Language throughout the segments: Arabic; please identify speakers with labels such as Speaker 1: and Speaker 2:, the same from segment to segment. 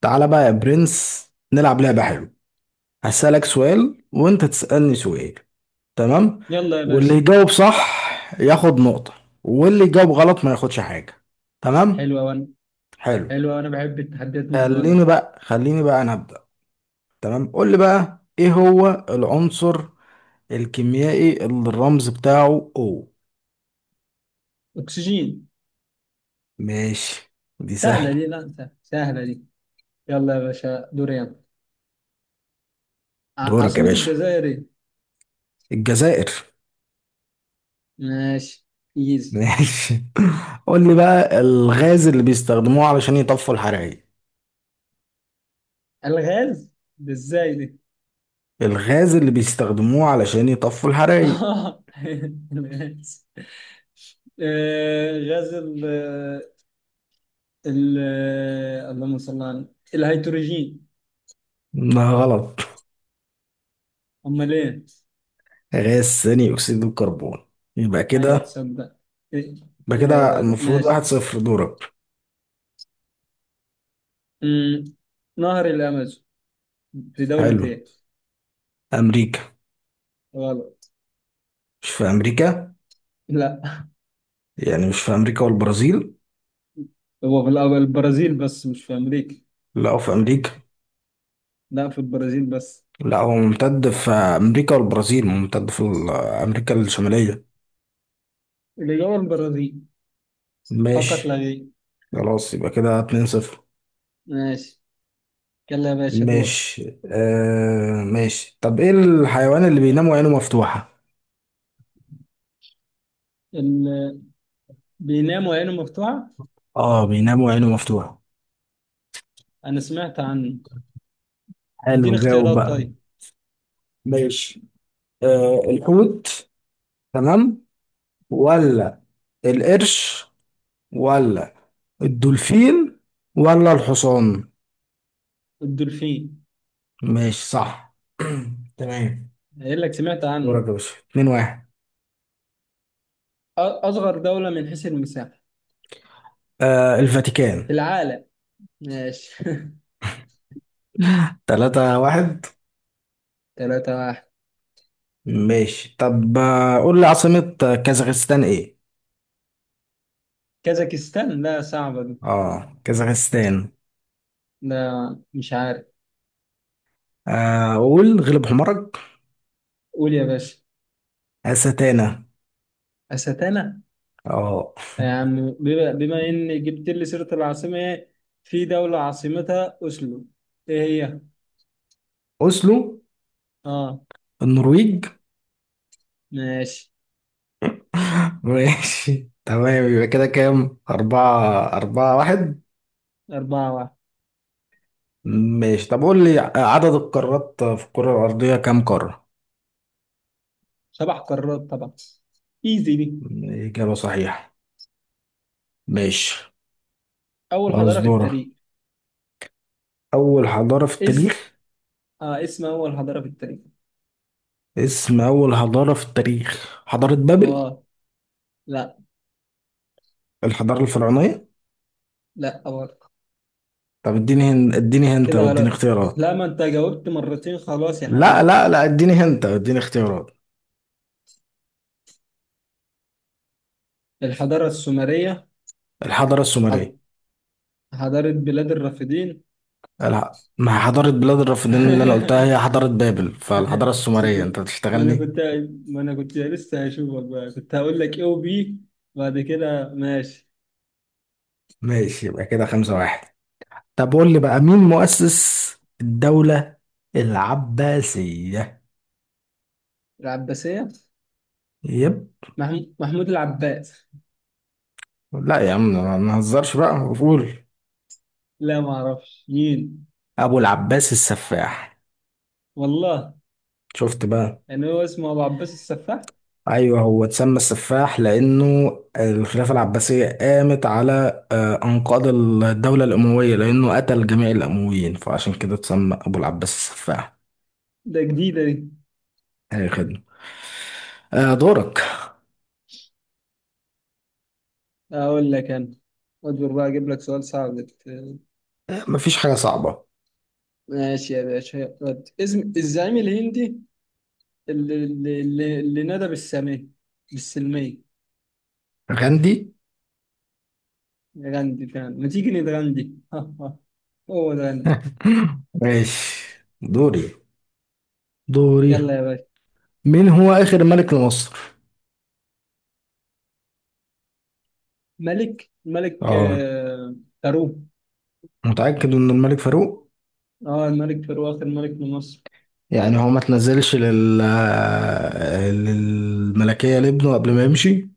Speaker 1: تعالى بقى يا برنس، نلعب لعبة حلوة. هسألك سؤال وانت تسألني سؤال. تمام.
Speaker 2: يلا يا
Speaker 1: واللي
Speaker 2: باشا.
Speaker 1: يجاوب صح ياخد نقطة، واللي يجاوب غلط ما ياخدش حاجة. تمام.
Speaker 2: حلوة وانا
Speaker 1: حلو.
Speaker 2: حلوة وانا بحب التحديات من النوع ده.
Speaker 1: خليني بقى انا أبدأ. تمام، قول لي بقى ايه هو العنصر الكيميائي اللي الرمز بتاعه O؟
Speaker 2: اكسجين.
Speaker 1: ماشي، دي
Speaker 2: سهلة دي،
Speaker 1: سهلة.
Speaker 2: لا سهلة، سهلة دي. يلا يا باشا، دوري يلا.
Speaker 1: دورك يا
Speaker 2: عاصمة
Speaker 1: باشا.
Speaker 2: الجزائر ايه؟
Speaker 1: الجزائر.
Speaker 2: ماشي. ايزي.
Speaker 1: ماشي. قول لي بقى الغاز اللي بيستخدموه علشان يطفوا الحرائق.
Speaker 2: الغاز ده ازاي دي؟
Speaker 1: الغاز اللي بيستخدموه علشان يطفوا الحرايق.
Speaker 2: اه، الغاز. غاز ال اللهم صل على النبي. الهيدروجين.
Speaker 1: ده غلط.
Speaker 2: امال ايه؟
Speaker 1: غاز ثاني أكسيد الكربون. يبقى
Speaker 2: ايوه،
Speaker 1: كده.
Speaker 2: تصدق ايه.
Speaker 1: يبقى
Speaker 2: إيه
Speaker 1: كده
Speaker 2: الغباء ده.
Speaker 1: المفروض
Speaker 2: ماشي.
Speaker 1: 1-0. دورك.
Speaker 2: أمم، نهر الامازون في دولة
Speaker 1: حلو.
Speaker 2: ايه؟
Speaker 1: أمريكا.
Speaker 2: غلط.
Speaker 1: مش في أمريكا.
Speaker 2: لا،
Speaker 1: يعني مش في أمريكا والبرازيل؟
Speaker 2: هو في الأول البرازيل بس مش في أمريكا.
Speaker 1: لا، هو في أمريكا.
Speaker 2: لا، في البرازيل بس.
Speaker 1: لا، هو ممتد في أمريكا والبرازيل، ممتد أمريكا الشمالية.
Speaker 2: الإجابة البرازيل فقط لا
Speaker 1: ماشي.
Speaker 2: غير.
Speaker 1: خلاص، يبقى كده 2-0.
Speaker 2: ماشي. يلا يا باشا، دور.
Speaker 1: ماشي. ماشي، طب ايه الحيوان اللي بينام وعينه مفتوحة؟
Speaker 2: اللي بينام وعينه مفتوحة.
Speaker 1: اه، بينام وعينه مفتوحة.
Speaker 2: أنا سمعت عنه. اديني
Speaker 1: حلو، جاوب
Speaker 2: اختيارات
Speaker 1: بقى.
Speaker 2: طيب.
Speaker 1: ماشي. الحوت. تمام. ولا القرش؟ ولا الدولفين؟ ولا الحصان؟
Speaker 2: الدولفين.
Speaker 1: ماشي، صح. تمام.
Speaker 2: قايل لك سمعت عنه.
Speaker 1: دورك يا باشا، 2-1.
Speaker 2: أصغر دولة من حيث المساحة
Speaker 1: الفاتيكان.
Speaker 2: في العالم. ماشي.
Speaker 1: 3-1.
Speaker 2: 3-1.
Speaker 1: ماشي، طب قول لي عاصمة كازاخستان ايه؟
Speaker 2: كازاكستان، لا صعبة دي.
Speaker 1: اه كازاخستان.
Speaker 2: لا مش عارف.
Speaker 1: قول، غلب حمارك.
Speaker 2: قول يا باشا.
Speaker 1: أستانا.
Speaker 2: أستانا.
Speaker 1: اه.
Speaker 2: يعني بما إن جبت لي سيرة العاصمة، إيه؟ في دولة عاصمتها أوسلو، إيه هي؟
Speaker 1: اوسلو.
Speaker 2: آه.
Speaker 1: النرويج.
Speaker 2: ماشي.
Speaker 1: ماشي. تمام، يبقى كده كام، أربعة، 4-1.
Speaker 2: 4-1.
Speaker 1: ماشي، طب قول لي عدد القارات في الكرة الأرضية كام قارة؟
Speaker 2: 7 قارات طبعا. إيزي دي.
Speaker 1: إجابة صحيحة. ماشي.
Speaker 2: أول
Speaker 1: خلاص،
Speaker 2: حضارة في
Speaker 1: دورة.
Speaker 2: التاريخ.
Speaker 1: أول حضارة في
Speaker 2: اسم
Speaker 1: التاريخ.
Speaker 2: اسم أول حضارة في التاريخ.
Speaker 1: اسم أول حضارة في التاريخ حضارة بابل.
Speaker 2: آه. لا.
Speaker 1: الحضارة الفرعونية.
Speaker 2: لا برضه.
Speaker 1: طب اديني اديني هنت
Speaker 2: كده
Speaker 1: أو اديني
Speaker 2: غلط.
Speaker 1: اختيارات.
Speaker 2: لا، ما أنت جاوبت مرتين خلاص يا
Speaker 1: لا
Speaker 2: حبيبي.
Speaker 1: لا لا، اديني هنت أو اديني اختيارات.
Speaker 2: الحضارة السومرية.
Speaker 1: الحضارة السومرية.
Speaker 2: حض- حضارة بلاد الرافدين.
Speaker 1: ما حضارة بلاد الرافدين اللي أنا قلتها هي حضارة بابل، فالحضارة السومرية أنت
Speaker 2: ما انا
Speaker 1: بتشتغلني.
Speaker 2: كنت ما انا كنت لسه هشوفك بقى، كنت هقول لك ايه وبي بعد كده. ماشي.
Speaker 1: ماشي، يبقى كده 5-1. طب قول لي بقى مين مؤسس الدولة العباسية؟
Speaker 2: العباسية.
Speaker 1: يب
Speaker 2: محمود العباس.
Speaker 1: لا يا عم، ما نهزرش بقى. قول.
Speaker 2: لا ما اعرفش مين.
Speaker 1: أبو العباس السفاح.
Speaker 2: والله.
Speaker 1: شفت بقى؟
Speaker 2: يعني هو اسمه ابو عباس السفاح.
Speaker 1: أيوه، هو اتسمى السفاح لأنه الخلافة العباسية قامت على أنقاض الدولة الأموية، لأنه قتل جميع الأمويين فعشان كده اتسمى أبو العباس السفاح.
Speaker 2: ده جديدة دي.
Speaker 1: أي خدمة. دورك.
Speaker 2: اقول لك انا. اصبر بقى، اجيب لك سؤال صعب
Speaker 1: مفيش حاجة صعبة.
Speaker 2: ماشي يا باشا. ود. اسم الزعيم الهندي اللي نادى بالسامية، بالسلمية.
Speaker 1: غاندي.
Speaker 2: غاندي، فعلا ما تيجي نتغندي. هو ده غاندي.
Speaker 1: ماشي. دوري، دوري.
Speaker 2: يلا يا باشا.
Speaker 1: مين هو آخر ملك لمصر؟
Speaker 2: ملك ملك
Speaker 1: اه.
Speaker 2: آه، فاروق.
Speaker 1: متأكد إن الملك فاروق؟
Speaker 2: اه، الملك فاروق اخر ملك لمصر.
Speaker 1: يعني هو ما تنزلش للملكية لابنه قبل ما يمشي؟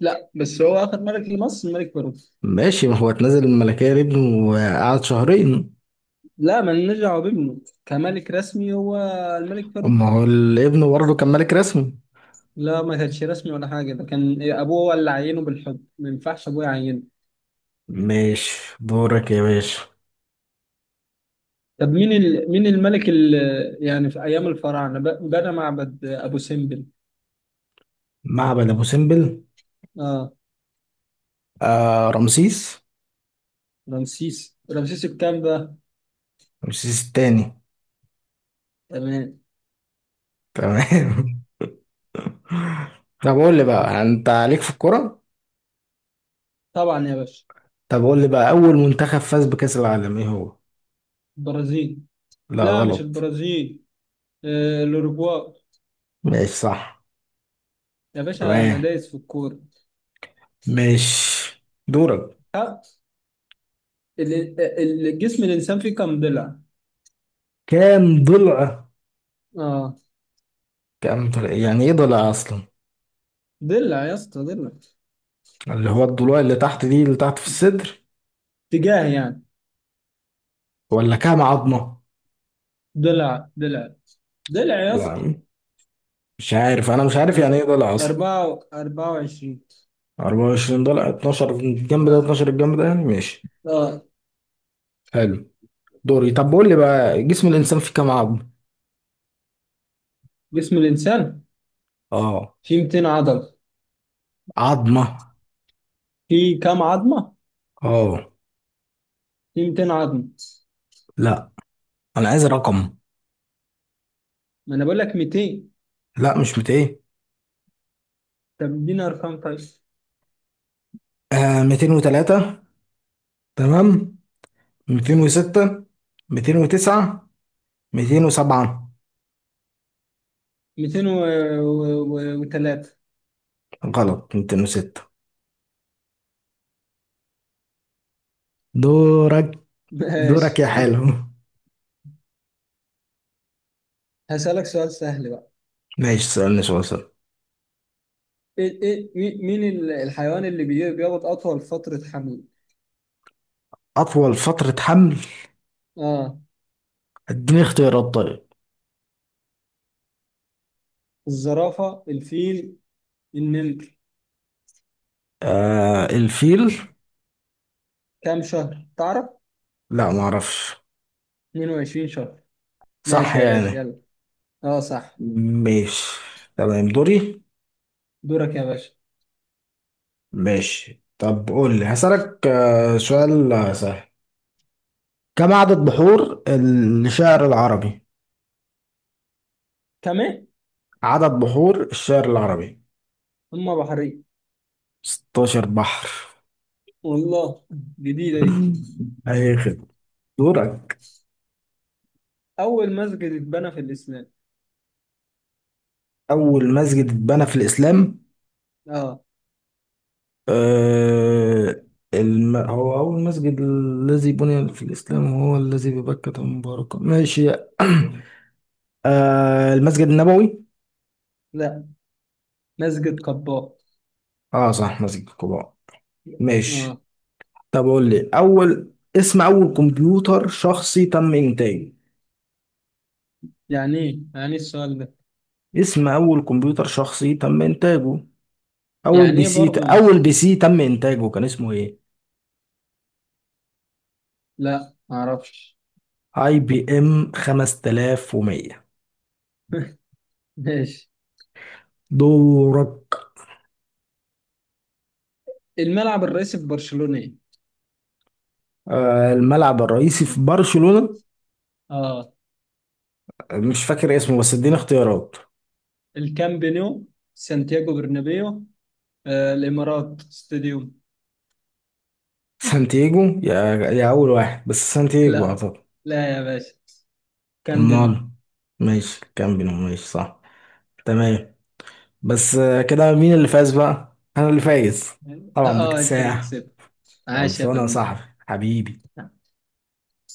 Speaker 2: لا، بس هو اخر ملك لمصر الملك فاروق.
Speaker 1: ماشي، ما هو اتنزل الملكية لابنه وقعد شهرين.
Speaker 2: لا، ما نرجع بابنه كملك رسمي، هو الملك فاروق.
Speaker 1: أما هو الابن برضه كان ملك رسمي.
Speaker 2: لا، ما كانش رسمي ولا حاجه، ده كان ابوه هو اللي عينه بالحب، ما ينفعش ابوه يعينه.
Speaker 1: ماشي، دورك يا باشا.
Speaker 2: طب مين ال... مين الملك اللي يعني في ايام الفراعنه بنى معبد ابو سمبل؟
Speaker 1: معبد أبو سمبل.
Speaker 2: اه.
Speaker 1: رمسيس.
Speaker 2: رمسيس الكام بقى؟
Speaker 1: رمسيس التاني.
Speaker 2: تمام.
Speaker 1: تمام. طب قول لي بقى أنت عليك في الكرة.
Speaker 2: طبعا يا باشا.
Speaker 1: طب قول لي بقى أول منتخب فاز بكأس العالم إيه هو؟
Speaker 2: البرازيل.
Speaker 1: لا،
Speaker 2: لا، مش
Speaker 1: غلط.
Speaker 2: البرازيل. الاوروغواي.
Speaker 1: ماشي، صح.
Speaker 2: يا باشا انا
Speaker 1: تمام.
Speaker 2: دايس في الكوره.
Speaker 1: ماشي، دورك.
Speaker 2: ها. ال- الجسم الانسان فيه كم ضلع؟
Speaker 1: كام ضلع؟
Speaker 2: اه.
Speaker 1: كام ضلع؟ يعني ايه ضلع اصلا؟
Speaker 2: ضلع يا اسطى، ضلع.
Speaker 1: اللي هو الضلوع اللي تحت دي، اللي تحت في الصدر.
Speaker 2: اتجاه يعني.
Speaker 1: ولا كام عظمة؟
Speaker 2: ضلع، ضلع، ضلع يا اسطى.
Speaker 1: لا، مش عارف، انا مش عارف يعني ايه
Speaker 2: أر-
Speaker 1: ضلع اصلا.
Speaker 2: 24.
Speaker 1: 24 ضلع، 12 الجنب ده
Speaker 2: آه.
Speaker 1: و12 الجنب ده، يعني ماشي.
Speaker 2: آه.
Speaker 1: حلو. دوري، طب قول لي بقى جسم الانسان فيه كام عظمة؟
Speaker 2: جسم الإنسان
Speaker 1: اه.
Speaker 2: فيه 200 عضلة.
Speaker 1: عظمة.
Speaker 2: فيه كام عظمة؟
Speaker 1: اه.
Speaker 2: فيه 200 عظمة.
Speaker 1: لا، انا عايز رقم.
Speaker 2: ما أنا بقول لك 200.
Speaker 1: لا، مش 200.
Speaker 2: طب اديني أرقام طيب.
Speaker 1: 203. تمام. 206. 209. 207.
Speaker 2: 203.
Speaker 1: غلط. 206. دورك. دورك
Speaker 2: ماشي.
Speaker 1: يا حلو.
Speaker 2: هسألك سؤال سهل بقى.
Speaker 1: ماشي، سألني سؤال سهل.
Speaker 2: ايه ايه مين الحيوان اللي بيقعد اطول فترة حمل؟
Speaker 1: أطول فترة حمل؟
Speaker 2: اه،
Speaker 1: اديني اختيارات طيب.
Speaker 2: الزرافة، الفيل، النمر.
Speaker 1: الفيل.
Speaker 2: كام شهر تعرف؟
Speaker 1: لا، ما اعرفش.
Speaker 2: 22 شهر.
Speaker 1: صح
Speaker 2: ماشي يا باشا،
Speaker 1: يعني؟
Speaker 2: يلا. اه صح.
Speaker 1: ماشي. تمام، دوري.
Speaker 2: دورك يا باشا.
Speaker 1: ماشي، طب قول لي هسألك سؤال سهل. كم عدد بحور الشعر العربي؟
Speaker 2: كمان.
Speaker 1: عدد بحور الشعر العربي.
Speaker 2: هما بحرين.
Speaker 1: 16 بحر.
Speaker 2: والله، جديدة دي.
Speaker 1: اي خدمة. دورك.
Speaker 2: اول مسجد اتبنى في الاسلام.
Speaker 1: اول مسجد اتبنى في الاسلام.
Speaker 2: اه.
Speaker 1: آه هو اول مسجد الذي بني في الاسلام هو الذي ببكة مباركة، ماشي. المسجد النبوي.
Speaker 2: لا. مسجد قباء.
Speaker 1: اه، صح، مسجد قباء. ماشي.
Speaker 2: اه.
Speaker 1: طب قول لي اول، اسم اول كمبيوتر شخصي تم انتاجه.
Speaker 2: يعني ايه يعني إيه السؤال ده.
Speaker 1: اسم اول كمبيوتر شخصي تم انتاجه.
Speaker 2: يعني ايه برضه
Speaker 1: اول بي سي تم انتاجه كان اسمه ايه؟
Speaker 2: لا معرفش.
Speaker 1: اي بي ام 5100.
Speaker 2: ماشي.
Speaker 1: دورك.
Speaker 2: الملعب الرئيسي في برشلونة ايه؟
Speaker 1: الملعب الرئيسي في برشلونة.
Speaker 2: اه،
Speaker 1: مش فاكر اسمه، بس اديني اختيارات.
Speaker 2: الكامب نو، سانتياغو برنابيو، الامارات ستاديوم.
Speaker 1: سانتياجو، يا اول واحد، بس سانتياجو
Speaker 2: لا،
Speaker 1: اعتقد.
Speaker 2: لا يا باشا. كامب نو.
Speaker 1: امال. ماشي، كامبينو، ماشي، صح. تمام. بس كده مين اللي فاز بقى؟ انا اللي فايز،
Speaker 2: اه،
Speaker 1: طبعا،
Speaker 2: آه، انت اللي
Speaker 1: باكتساح.
Speaker 2: كسبت. عاش يا
Speaker 1: خلصانه يا
Speaker 2: فنان.
Speaker 1: صاحبي. حبيبي.